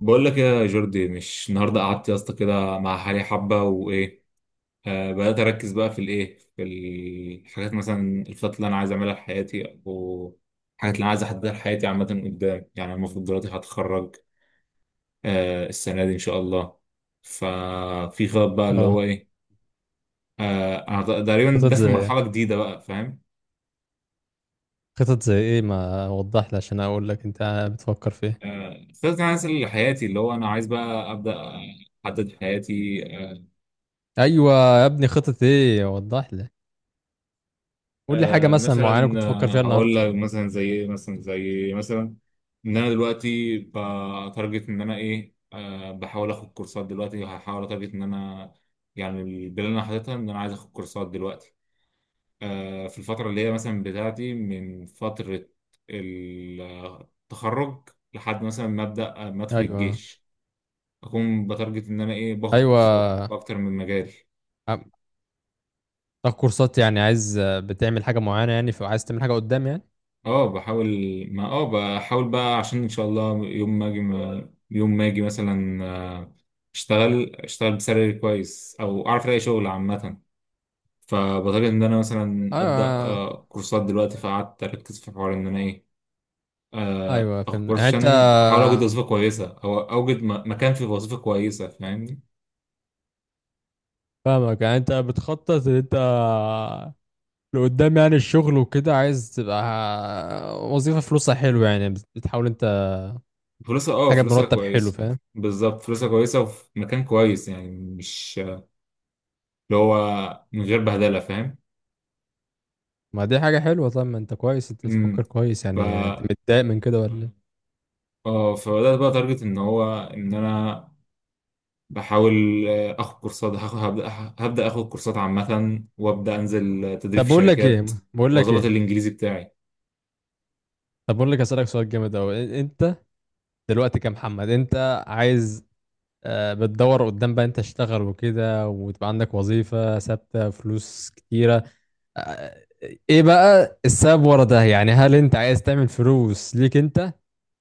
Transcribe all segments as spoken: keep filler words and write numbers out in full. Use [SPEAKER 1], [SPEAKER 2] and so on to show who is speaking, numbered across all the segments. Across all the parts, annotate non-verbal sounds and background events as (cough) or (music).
[SPEAKER 1] بقول لك ايه يا جوردي، مش النهارده قعدت يا اسطى كده مع حالي حبه، وايه. آه بدات اركز بقى في الايه في الحاجات، مثلا الخطط اللي انا عايز اعملها في حياتي، او الحاجات اللي انا عايز احددها لحياتي عامه قدام. يعني أنا المفروض دلوقتي هتخرج آه السنه دي ان شاء الله. ففي خطط بقى، اللي هو
[SPEAKER 2] اه.
[SPEAKER 1] ايه. آه انا تقريبا
[SPEAKER 2] خطط زي
[SPEAKER 1] داخل مرحله
[SPEAKER 2] ايه
[SPEAKER 1] جديده بقى، فاهم؟
[SPEAKER 2] خطط زي ايه ما وضح لي عشان اقول لك، انت بتفكر في ايه؟
[SPEAKER 1] آه خطط انا عايز لحياتي، اللي هو انا عايز بقى ابدا احدد حياتي.
[SPEAKER 2] ايوه يا ابني، خطط ايه؟ وضح لي. قول لي حاجه
[SPEAKER 1] آه،
[SPEAKER 2] مثلا معينه كنت
[SPEAKER 1] مثلا
[SPEAKER 2] بتفكر
[SPEAKER 1] آه،
[SPEAKER 2] فيها
[SPEAKER 1] هقول
[SPEAKER 2] النهارده.
[SPEAKER 1] لك مثلا زي ايه، مثلا زي إيه؟ مثلا ان انا دلوقتي بتارجت ان انا ايه، آه، بحاول اخد كورسات دلوقتي، هحاول اتارجت ان انا. يعني البلان اللي انا حاططها ان انا عايز اخد كورسات دلوقتي، آه، في الفتره اللي هي مثلا بتاعتي من فتره التخرج، لحد مثلا ما ابدا آه، ما ادخل
[SPEAKER 2] ايوه،
[SPEAKER 1] الجيش. اكون بتارجت ان انا ايه، باخد كورسات
[SPEAKER 2] ايوه.
[SPEAKER 1] في اكتر من مجال.
[SPEAKER 2] عم- تاخد كورسات، يعني عايز بتعمل حاجه معينه يعني، فعايز تعمل حاجه قدام يعني.
[SPEAKER 1] اه، بحاول، ما اه بحاول بقى، عشان ان شاء الله يوم ما اجي، يوم ما اجي مثلا آه، اشتغل اشتغل بسالري كويس، او اعرف الاقي شغل عامه. فبطلت ان انا مثلا ابدا
[SPEAKER 2] ايوه.
[SPEAKER 1] آه، كورسات دلوقتي، فقعدت اركز في حوار ان انا ايه، آه،
[SPEAKER 2] ايوه
[SPEAKER 1] اخد
[SPEAKER 2] فهمت،
[SPEAKER 1] كورس
[SPEAKER 2] يعني انت
[SPEAKER 1] عشان احاول اوجد وظيفه كويسه، او اوجد م- مكان في وظيفه كويسه، فاهمني.
[SPEAKER 2] فاهمك، يعني انت بتخطط ان انت لقدام، يعني الشغل وكده عايز تبقى وظيفه فلوسها حلو يعني، بتحاول انت
[SPEAKER 1] فلوسها اه
[SPEAKER 2] حاجه
[SPEAKER 1] فلوسها
[SPEAKER 2] بمرتب حلو،
[SPEAKER 1] كويسه.
[SPEAKER 2] فاهم.
[SPEAKER 1] بالظبط، فلوسها كويسه وفي مكان كويس، يعني مش اللي هو من غير بهدله، فاهم؟
[SPEAKER 2] ما دي حاجة حلوة. طب ما انت كويس، انت تفكر
[SPEAKER 1] امم
[SPEAKER 2] كويس يعني. انت متضايق من كده ولا ايه؟
[SPEAKER 1] اه، فبدأت بقى تارجت ان هو ان انا بحاول، آه، اخد كورسات، هاخد هبدأ هبدأ اخد كورسات عامة، وابدأ انزل آه، تدريب
[SPEAKER 2] طب
[SPEAKER 1] في
[SPEAKER 2] بقول لك
[SPEAKER 1] شركات،
[SPEAKER 2] ايه بقول لك
[SPEAKER 1] واظبط
[SPEAKER 2] ايه،
[SPEAKER 1] الانجليزي بتاعي.
[SPEAKER 2] طب بقول لك اسألك سؤال جامد اوي. انت دلوقتي كمحمد، انت عايز آه، بتدور قدام، بقى انت تشتغل وكده وتبقى عندك وظيفة ثابتة، فلوس كتيرة. آه، آه، ايه بقى السبب ورا ده؟ يعني هل انت عايز تعمل فلوس ليك انت،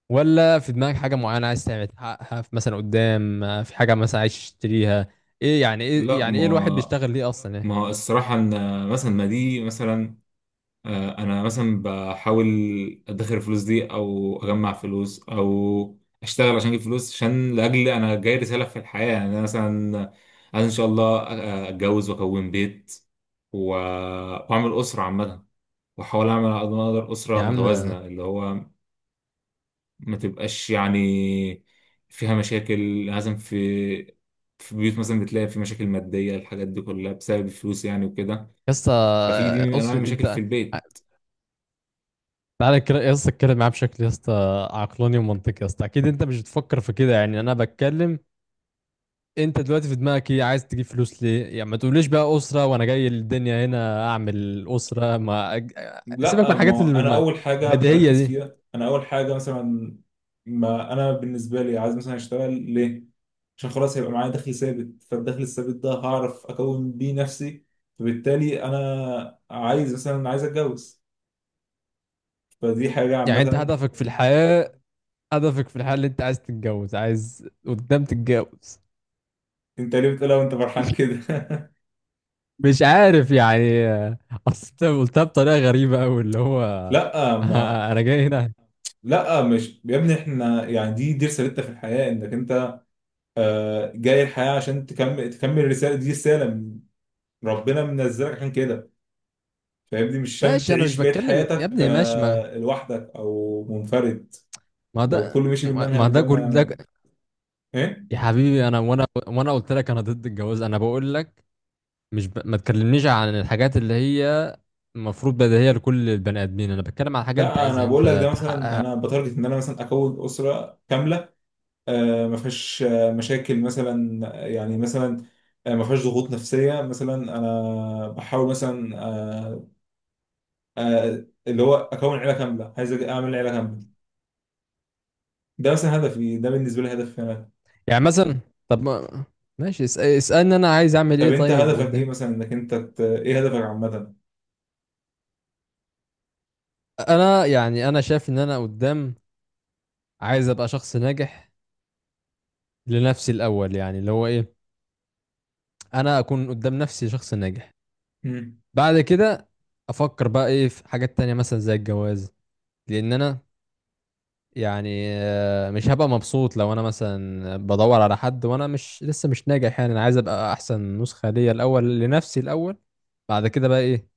[SPEAKER 2] ولا في دماغك حاجة معينة عايز تعمل تحققها في مثلا قدام، آه، في حاجة مثلا عايز تشتريها؟ ايه يعني، ايه
[SPEAKER 1] لا
[SPEAKER 2] يعني، ايه الواحد
[SPEAKER 1] ما
[SPEAKER 2] بيشتغل ليه اصلا، ايه؟
[SPEAKER 1] ما الصراحة ان آه، مثلا ما دي مثلا، آه، انا مثلا بحاول ادخر الفلوس دي، او اجمع فلوس، او اشتغل عشان اجيب فلوس، عشان لاجل انا جاي رسالة في الحياة، يعني انا مثلا عايز ان شاء الله آه، اتجوز واكون بيت و- واعمل اسرة عامة، واحاول اعمل على قد ما اقدر
[SPEAKER 2] يا
[SPEAKER 1] اسره
[SPEAKER 2] عم،
[SPEAKER 1] متوازنه، اللي هو ما تبقاش يعني فيها مشاكل. لازم في في بيوت مثلا بتلاقي في مشاكل ماديه، الحاجات دي كلها بسبب الفلوس يعني وكده.
[SPEAKER 2] يا اسطى،
[SPEAKER 1] ففي دي من انواع
[SPEAKER 2] اقصد
[SPEAKER 1] المشاكل في
[SPEAKER 2] انت،
[SPEAKER 1] البيت.
[SPEAKER 2] تعالى كده يا اسطى، اتكلم معاه بشكل يا اسطى عقلاني ومنطقي يا اسطى. اكيد انت مش بتفكر في كده، يعني انا بتكلم انت دلوقتي في دماغك ايه. عايز تجيب فلوس ليه؟ يعني ما تقوليش بقى اسره وانا جاي للدنيا هنا اعمل اسره، ما أج... سيبك من
[SPEAKER 1] لا،
[SPEAKER 2] الحاجات
[SPEAKER 1] ما
[SPEAKER 2] اللي
[SPEAKER 1] انا
[SPEAKER 2] ما-
[SPEAKER 1] اول حاجه
[SPEAKER 2] البديهيه
[SPEAKER 1] بركز
[SPEAKER 2] دي.
[SPEAKER 1] فيها، انا اول حاجه مثلا. ما انا بالنسبه لي عايز مثلا اشتغل ليه؟ عشان خلاص هيبقى معايا دخل ثابت، فالدخل الثابت ده هعرف اكون بيه نفسي، فبالتالي انا عايز مثلا عايز اتجوز، فدي حاجه
[SPEAKER 2] يعني انت
[SPEAKER 1] عامه.
[SPEAKER 2] هدفك في الحياه، هدفك في الحياه اللي انت عايز تتجوز؟ عايز قدام تتجوز؟
[SPEAKER 1] انت ليه بتقولها وانت فرحان كده؟ (laughs)
[SPEAKER 2] مش عارف يعني، اصل انت قلتها بطريقه غريبه قوي اللي هو
[SPEAKER 1] لا ما
[SPEAKER 2] (laughs) انا جاي هنا.
[SPEAKER 1] لا مش يا ابني، احنا يعني دي دي رسالتنا في الحياه، انك انت آه، جاي الحياه عشان تكمل تكمل الرساله، دي رساله من- ربنا منزلك عشان كده، فاهمني، مش عشان
[SPEAKER 2] ماشي، انا مش
[SPEAKER 1] تعيش بقيه
[SPEAKER 2] بتكلم يا
[SPEAKER 1] حياتك
[SPEAKER 2] ابني، ماشي. ما
[SPEAKER 1] آه، لوحدك او منفرد.
[SPEAKER 2] ما
[SPEAKER 1] لو كله
[SPEAKER 2] ده
[SPEAKER 1] مشي بالمنهج
[SPEAKER 2] ما ده
[SPEAKER 1] ده،
[SPEAKER 2] كل ده
[SPEAKER 1] ما...
[SPEAKER 2] ك-
[SPEAKER 1] ايه.
[SPEAKER 2] يا حبيبي، انا وانا وانا قلت لك انا ضد الجواز. انا بقول لك مش ب... ما تكلمنيش عن الحاجات اللي هي المفروض بديهية لكل البني ادمين. انا بتكلم عن حاجة انت
[SPEAKER 1] لا، انا
[SPEAKER 2] عايزها
[SPEAKER 1] بقول لك ده
[SPEAKER 2] انت
[SPEAKER 1] مثلا،
[SPEAKER 2] تحققها.
[SPEAKER 1] انا بتارجت ان انا مثلا اكون اسره كامله آه، ما فيهاش آه، مشاكل مثلا، يعني مثلا آه، ما فيهاش ضغوط نفسيه مثلا، انا بحاول مثلا آه، آه، اللي هو اكون عيله كامله، عايز أج- اعمل عيله كامله، ده مثلا هدفي، ده بالنسبه لي هدفي انا.
[SPEAKER 2] يعني مثلا، طب ما... ماشي، اس... اسألني انا عايز اعمل
[SPEAKER 1] طب
[SPEAKER 2] ايه
[SPEAKER 1] انت
[SPEAKER 2] طيب
[SPEAKER 1] هدفك ايه
[SPEAKER 2] قدام.
[SPEAKER 1] مثلا، انك انت ت... ايه هدفك عامه؟
[SPEAKER 2] انا يعني انا شايف ان انا قدام عايز ابقى شخص ناجح لنفسي الاول، يعني اللي هو ايه، انا اكون قدام نفسي شخص ناجح.
[SPEAKER 1] مم.
[SPEAKER 2] بعد كده افكر بقى ايه في حاجات تانية مثلا زي الجواز. لان انا يعني آه، مش هبقى مبسوط لو انا مثلا بدور على حد وانا مش لسه مش ناجح. يعني انا عايز ابقى احسن نسخة ليا الاول، لنفسي الاول. بعد كده بقى ايه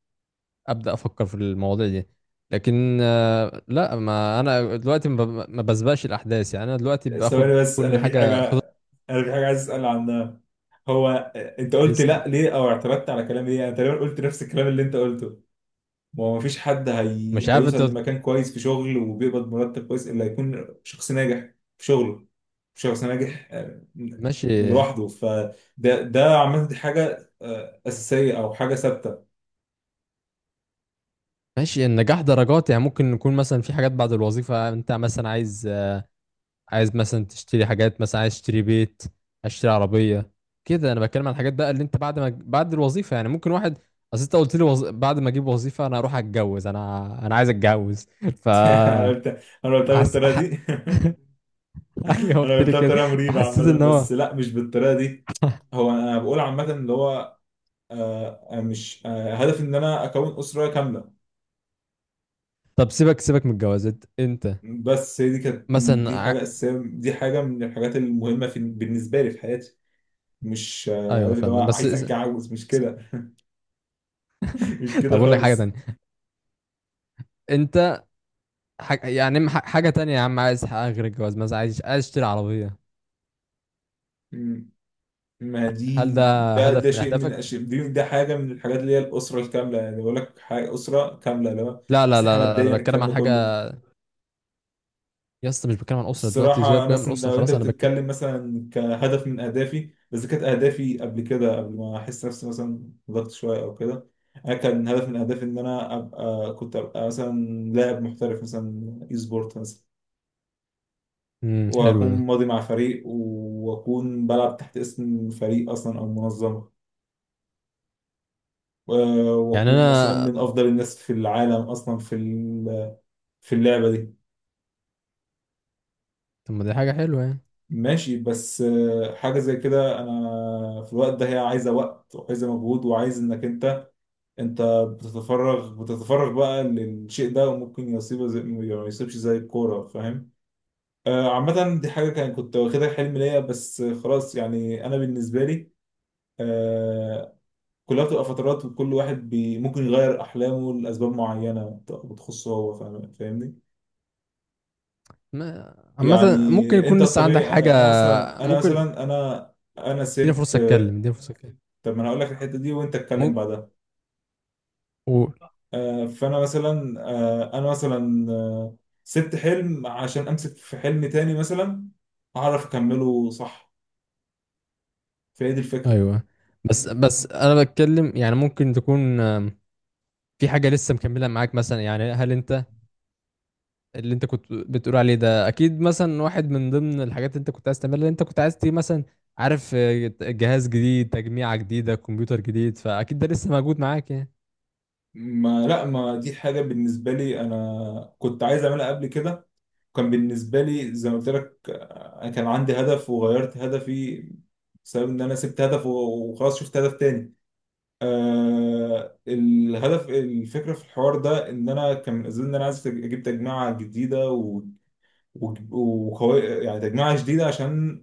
[SPEAKER 2] ابدا افكر في المواضيع دي. لكن آه، لا، ما انا دلوقتي ما ب- ما بسبقش الاحداث، يعني انا دلوقتي باخد
[SPEAKER 1] ثواني بس،
[SPEAKER 2] كل
[SPEAKER 1] انا في حاجه
[SPEAKER 2] حاجة خطوة.
[SPEAKER 1] انا في حاجه عايز اسال عنها. هو آه، انت قلت
[SPEAKER 2] اسال.
[SPEAKER 1] لا ليه، او اعترضت على كلامي ليه؟ انا تقريبا قلت نفس الكلام اللي انت قلته. ما هو مفيش حد هي...
[SPEAKER 2] مش عارف، انت
[SPEAKER 1] هيوصل
[SPEAKER 2] قلت-
[SPEAKER 1] لمكان كويس في شغل وبيقبض مرتب كويس الا يكون شخص ناجح في شغله. شخص ناجح آه،
[SPEAKER 2] ماشي.
[SPEAKER 1] لوحده، فده ده عامة دي حاجة آه، أساسية أو حاجة ثابتة.
[SPEAKER 2] ماشي، النجاح درجات يعني. ممكن يكون مثلا في حاجات بعد الوظيفة، انت مثلا عايز، عايز مثلا تشتري حاجات، مثلا عايز تشتري بيت، عايز تشتري عربية. كده انا بتكلم عن الحاجات بقى اللي انت بعد ما بعد الوظيفة، يعني ممكن واحد. اصل انت قلت لي وظ... بعد ما اجيب وظيفة انا اروح اتجوز، انا انا عايز اتجوز (laughs) ف
[SPEAKER 1] (laughs) أنا قلت أنا قلتها
[SPEAKER 2] حس...
[SPEAKER 1] بالطريقة
[SPEAKER 2] ح...
[SPEAKER 1] دي.
[SPEAKER 2] (laughs) ايوه،
[SPEAKER 1] (laughs) أنا
[SPEAKER 2] قلت لي
[SPEAKER 1] قلتها
[SPEAKER 2] كده.
[SPEAKER 1] بطريقة مريبة
[SPEAKER 2] فحسيت
[SPEAKER 1] عامة،
[SPEAKER 2] ان هو،
[SPEAKER 1] بس لا، مش بالطريقة دي. هو أنا بقول عامة اللي هو آه، آه، مش آه، هدفي إن أنا أكون أسرة كاملة.
[SPEAKER 2] طب سيبك سيبك من الجوازات. انت
[SPEAKER 1] بس هي دي كانت،
[SPEAKER 2] مثلا
[SPEAKER 1] دي
[SPEAKER 2] ع...
[SPEAKER 1] حاجة أساسية، دي حاجة من الحاجات المهمة في بالنسبة لي في حياتي. مش آه،
[SPEAKER 2] ايوه
[SPEAKER 1] عارف اللي هو
[SPEAKER 2] فاهم، بس
[SPEAKER 1] عايز
[SPEAKER 2] اس-
[SPEAKER 1] اتجوز، مش كده. (laughs) مش
[SPEAKER 2] (laughs) طب
[SPEAKER 1] كده
[SPEAKER 2] اقول لك حاجة
[SPEAKER 1] خالص.
[SPEAKER 2] تانية. انت ح... يعني ح- حاجة تانية يا عم عايز تحققها غير الجواز، مثلا عايز عايز تشتري عربية.
[SPEAKER 1] مم. ما
[SPEAKER 2] هل
[SPEAKER 1] دي،
[SPEAKER 2] ده
[SPEAKER 1] ده
[SPEAKER 2] هدف
[SPEAKER 1] ده
[SPEAKER 2] من
[SPEAKER 1] شيء من
[SPEAKER 2] اهدافك؟
[SPEAKER 1] الاشياء دي، ده حاجه من الحاجات اللي هي الاسره الكامله، يعني بقول لك حاجه اسره كامله، اللي هو
[SPEAKER 2] لا، لا، لا،
[SPEAKER 1] صحه،
[SPEAKER 2] لا، لا. أنا
[SPEAKER 1] ماديا،
[SPEAKER 2] بتكلم
[SPEAKER 1] الكلام
[SPEAKER 2] عن
[SPEAKER 1] ده
[SPEAKER 2] حاجة
[SPEAKER 1] كله.
[SPEAKER 2] يا اسطى، مش بتكلم عن اسره دلوقتي.
[SPEAKER 1] الصراحه، انا
[SPEAKER 2] سيبك بقى من
[SPEAKER 1] مثلا
[SPEAKER 2] اسره،
[SPEAKER 1] لو انت
[SPEAKER 2] خلاص. انا بتكلم.
[SPEAKER 1] بتتكلم مثلا كهدف من اهدافي، بس كانت اهدافي قبل كده، قبل ما احس نفسي مثلا ضغط شويه او كده، انا كان هدف من اهدافي ان انا ابقى كنت ابقى مثلا لاعب محترف، مثلا اي سبورت مثلا،
[SPEAKER 2] امم، حلو
[SPEAKER 1] واكون
[SPEAKER 2] ده.
[SPEAKER 1] ماضي مع فريق، واكون بلعب تحت اسم فريق اصلا او منظمه، و-
[SPEAKER 2] يعني
[SPEAKER 1] واكون مثلا
[SPEAKER 2] انا،
[SPEAKER 1] من افضل الناس في العالم اصلا في ال- في اللعبه دي.
[SPEAKER 2] طب ما دي حاجه حلوه يعني.
[SPEAKER 1] ماشي، بس آه، حاجه زي كده انا في الوقت ده هي عايزه وقت وعايزه مجهود، وعايز انك انت انت بتتفرغ بتتفرغ بقى للشيء ده، وممكن يصيبه زي ما يصيبش، زي الكوره، فاهم؟ آه، عامة دي حاجة كان كنت واخدها حلم ليا، بس خلاص يعني أنا بالنسبة لي، آه، كلها بتبقى فترات، وكل واحد بي ممكن يغير أحلامه لأسباب معينة بت- بتخصه هو، فاهم- فاهمني.
[SPEAKER 2] ما... عامه ممكن
[SPEAKER 1] يعني
[SPEAKER 2] يكون
[SPEAKER 1] أنت
[SPEAKER 2] لسه عندك
[SPEAKER 1] الطبيعي،
[SPEAKER 2] حاجه.
[SPEAKER 1] أنا أنا مثلا أنا
[SPEAKER 2] ممكن،
[SPEAKER 1] مثلا أنا أنا
[SPEAKER 2] اديني
[SPEAKER 1] سبت.
[SPEAKER 2] فرصه اتكلم، اديني فرصه اتكلم.
[SPEAKER 1] طب ما أنا هقول لك الحتة دي وأنت اتكلم
[SPEAKER 2] ممكن.
[SPEAKER 1] بعدها.
[SPEAKER 2] قول.
[SPEAKER 1] آه، فأنا مثلا آه، أنا مثلا آه، سبت حلم عشان أمسك في حلم تاني، مثلا أعرف أكمله صح، فهي دي الفكرة.
[SPEAKER 2] ايوه، بس بس انا بتكلم يعني، ممكن تكون آم، في حاجه لسه مكمله معاك مثلا. يعني هل انت اللي انت كنت بتقول عليه ده اكيد مثلا واحد من ضمن الحاجات اللي انت كنت عايز تعملها، اللي انت كنت عايز تيجي مثلا. عارف، آه، جهاز جديد، تجميعه جديده، كمبيوتر جديد، فاكيد ده لسه موجود معاك يعني.
[SPEAKER 1] ما لا، ما دي حاجة بالنسبة لي أنا كنت عايز أعملها قبل كده، كان بالنسبة لي زي ما قلت لك، انا كان عندي هدف وغيرت هدفي، بسبب ان انا سبت هدف و- وخلاص شفت هدف تاني. آه الهدف، الفكره في الحوار ده ان انا كان من اسباب ان انا عايز تج- اجيب تجميعه جديده و- و- وقوي، يعني تجميعه جديده عشان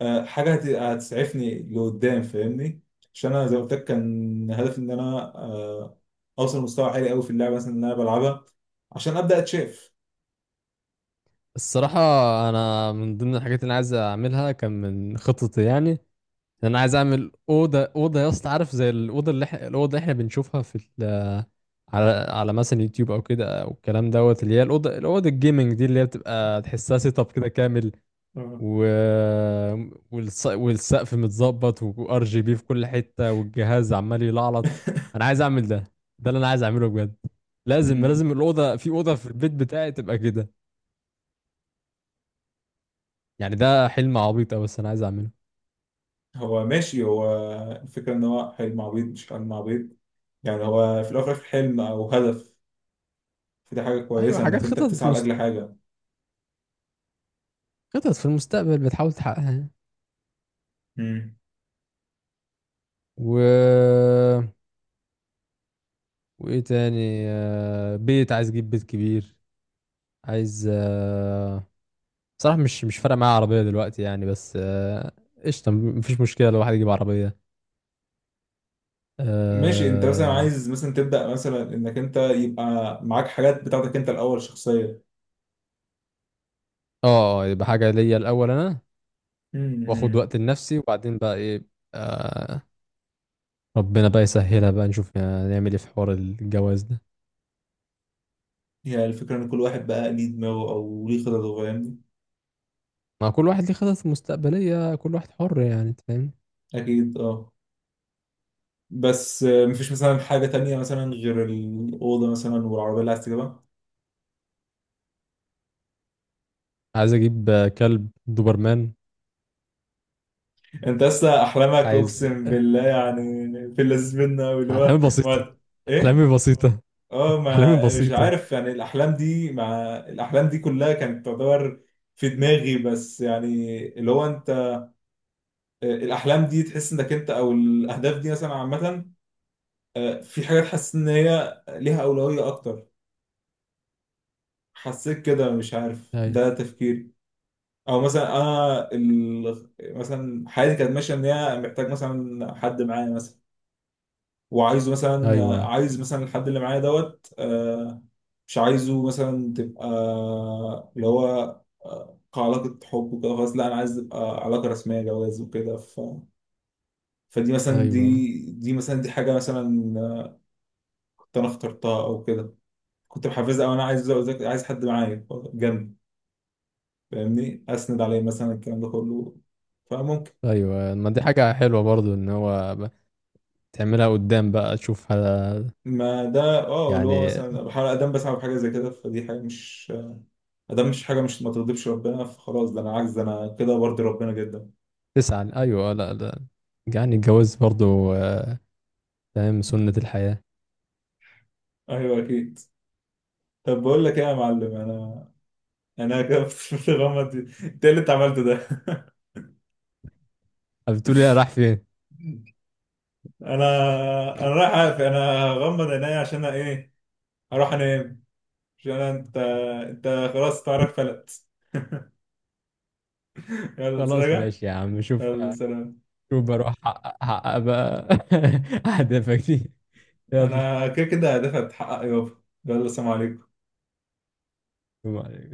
[SPEAKER 1] آه حاجه هت- هتسعفني لقدام، فاهمني. عشان انا زي ما قلت لك، كان هدفي ان انا آه اوصل مستوى عالي قوي في اللعبه مثلا اللي انا بلعبها، عشان ابدا اتشاف.
[SPEAKER 2] الصراحة، أنا من ضمن الحاجات اللي أنا عايز أعملها كان من خططي، يعني إن أنا عايز أعمل أوضة. أوضة يا اسطى، عارف زي الأوضة اللي إحنا، الأوضة اللي إحنا بنشوفها في ال... على على مثلا يوتيوب أو كده، أو الكلام دوت، اللي هي الأوضة الأوضة الجيمنج دي، اللي هي بتبقى تحسها سيت أب كده كامل.
[SPEAKER 1] آه.
[SPEAKER 2] و... والص... والسقف متظبط، وار جي بي في كل حتة، والجهاز عمال يلعلط. أنا عايز أعمل ده. ده اللي أنا عايز أعمله بجد. لازم لازم
[SPEAKER 1] (laughs)
[SPEAKER 2] الأوضة في، أوضة في البيت بتاعي تبقى كده. يعني ده حلم عبيط أوي، بس أنا عايز أعمله.
[SPEAKER 1] هو ماشي، هو الفكرة إن هو حلم عبيط مش حلم عبيط، يعني هو في الأول وفي الآخر حلم أو هدف، فدي حاجة
[SPEAKER 2] ايوه،
[SPEAKER 1] كويسة
[SPEAKER 2] حاجات،
[SPEAKER 1] إنك أنت
[SPEAKER 2] خطط في
[SPEAKER 1] بتسعى
[SPEAKER 2] مست...
[SPEAKER 1] لأجل حاجة.
[SPEAKER 2] خطط في المستقبل بتحاول تحققها.
[SPEAKER 1] مم.
[SPEAKER 2] و وايه تاني، آه، بيت، عايز اجيب بيت كبير. عايز، آه، صراحة مش مش فارقة معايا عربية دلوقتي يعني، بس آه، قشطة، مفيش مشكلة لو واحد يجيب عربية.
[SPEAKER 1] ماشي، أنت مثلا
[SPEAKER 2] اه.
[SPEAKER 1] عايز مثلا تبدأ مثلا إنك أنت يبقى معاك حاجات بتاعتك أنت الأول، شخصية.
[SPEAKER 2] آه، آه، يبقى حاجة ليا الأول، أنا واخد
[SPEAKER 1] مم.
[SPEAKER 2] وقت لنفسي، وبعدين بقى ايه، آه، ربنا بقى يسهلها، بقى نشوف يعني نعمل ايه في حوار الجواز ده.
[SPEAKER 1] هي الفكرة إن كل واحد بقى ليه دماغه أو ليه خططه، فاهمني.
[SPEAKER 2] مع كل واحد ليه خطط مستقبلية، كل واحد حر يعني، أنت فاهم.
[SPEAKER 1] أكيد، أه. بس آه، مفيش مثلا حاجة تانية مثلا غير الأوضة مثلا والعربية اللي عايز تجيبها؟
[SPEAKER 2] عايز اجيب كلب دوبرمان.
[SPEAKER 1] انت اصلا احلامك،
[SPEAKER 2] عايز.
[SPEAKER 1] اقسم بالله يعني، في اللذيذ منه أوي، اللي هو
[SPEAKER 2] احلامي بسيطة.
[SPEAKER 1] ما... ايه.
[SPEAKER 2] احلامي بسيطة.
[SPEAKER 1] اه
[SPEAKER 2] احلامي
[SPEAKER 1] ما مش
[SPEAKER 2] بسيطة.
[SPEAKER 1] عارف يعني، الاحلام دي مع الاحلام دي كلها كانت تعتبر في دماغي بس يعني، اللي هو انت آه، الاحلام دي تحس انك انت، او الاهداف دي مثلا عامه، آه، في حاجات حاسس ان هي ليها اولويه اكتر. حسيت كده؟ مش عارف،
[SPEAKER 2] ايوه،
[SPEAKER 1] ده تفكيري. او مثلا انا ال... مثلا حياتي كانت ماشيه ان هي محتاج مثلا حد معايا مثلا، وعايزه مثلا
[SPEAKER 2] ايوه،
[SPEAKER 1] عايز مثلا الحد اللي معايا دوت، آه، مش عايزه مثلا تبقى اللي هو آه، كعلاقة حب وكده، خلاص لا، أنا عايز تبقى علاقة رسمية، جواز وكده، ف... فدي مثلا،
[SPEAKER 2] ايوه،
[SPEAKER 1] دي دي مثلا دي حاجة مثلا آه، كنت أنا اخترتها أو كده، كنت محفزها أو أنا عايز أذاكر- عايز حد معايا جنبي، فاهمني، أسند عليه مثلا الكلام ده كله، فممكن.
[SPEAKER 2] ايوه، ما دي حاجة حلوة برضو، ان هو ب- تعملها قدام بقى تشوفها
[SPEAKER 1] ما ده، اه اللي هو
[SPEAKER 2] يعني.
[SPEAKER 1] مثلا بحاول أقدم بسعى بحاجة زي كده، فدي حاجة مش... ده مش حاجة، مش ما تغضبش ربنا، فخلاص، ده أنا عجز، ده أنا كده برضي ربنا جدا.
[SPEAKER 2] تسعى، ايوه. لا، لا. يعني الجواز برضو آه، فاهم، سنة الحياة.
[SPEAKER 1] أيوه، أكيد. طب بقول لك إيه يا معلم، أنا أنا كده (laughs) في الغمة دي، إنت إيه اللي أنت عملته ده؟ (laughs)
[SPEAKER 2] طب بتقولي انا راح فين؟
[SPEAKER 1] أنا أنا رايح أقفل، أنا هغمض عينيا عشان أنا إيه، أروح أنام، عشان أنا، أنت أنت خلاص تعرف فلت. (laughs) يلا
[SPEAKER 2] خلاص
[SPEAKER 1] سلام.
[SPEAKER 2] ماشي يا عم، شوف.
[SPEAKER 1] يلا سلام.
[SPEAKER 2] شوف بروح، احقق أحقق بقى (laughs) اهدافك دي.
[SPEAKER 1] أنا كده كده هدفها تتحقق يابا، يلا سلام عليكم.
[SPEAKER 2] يلا.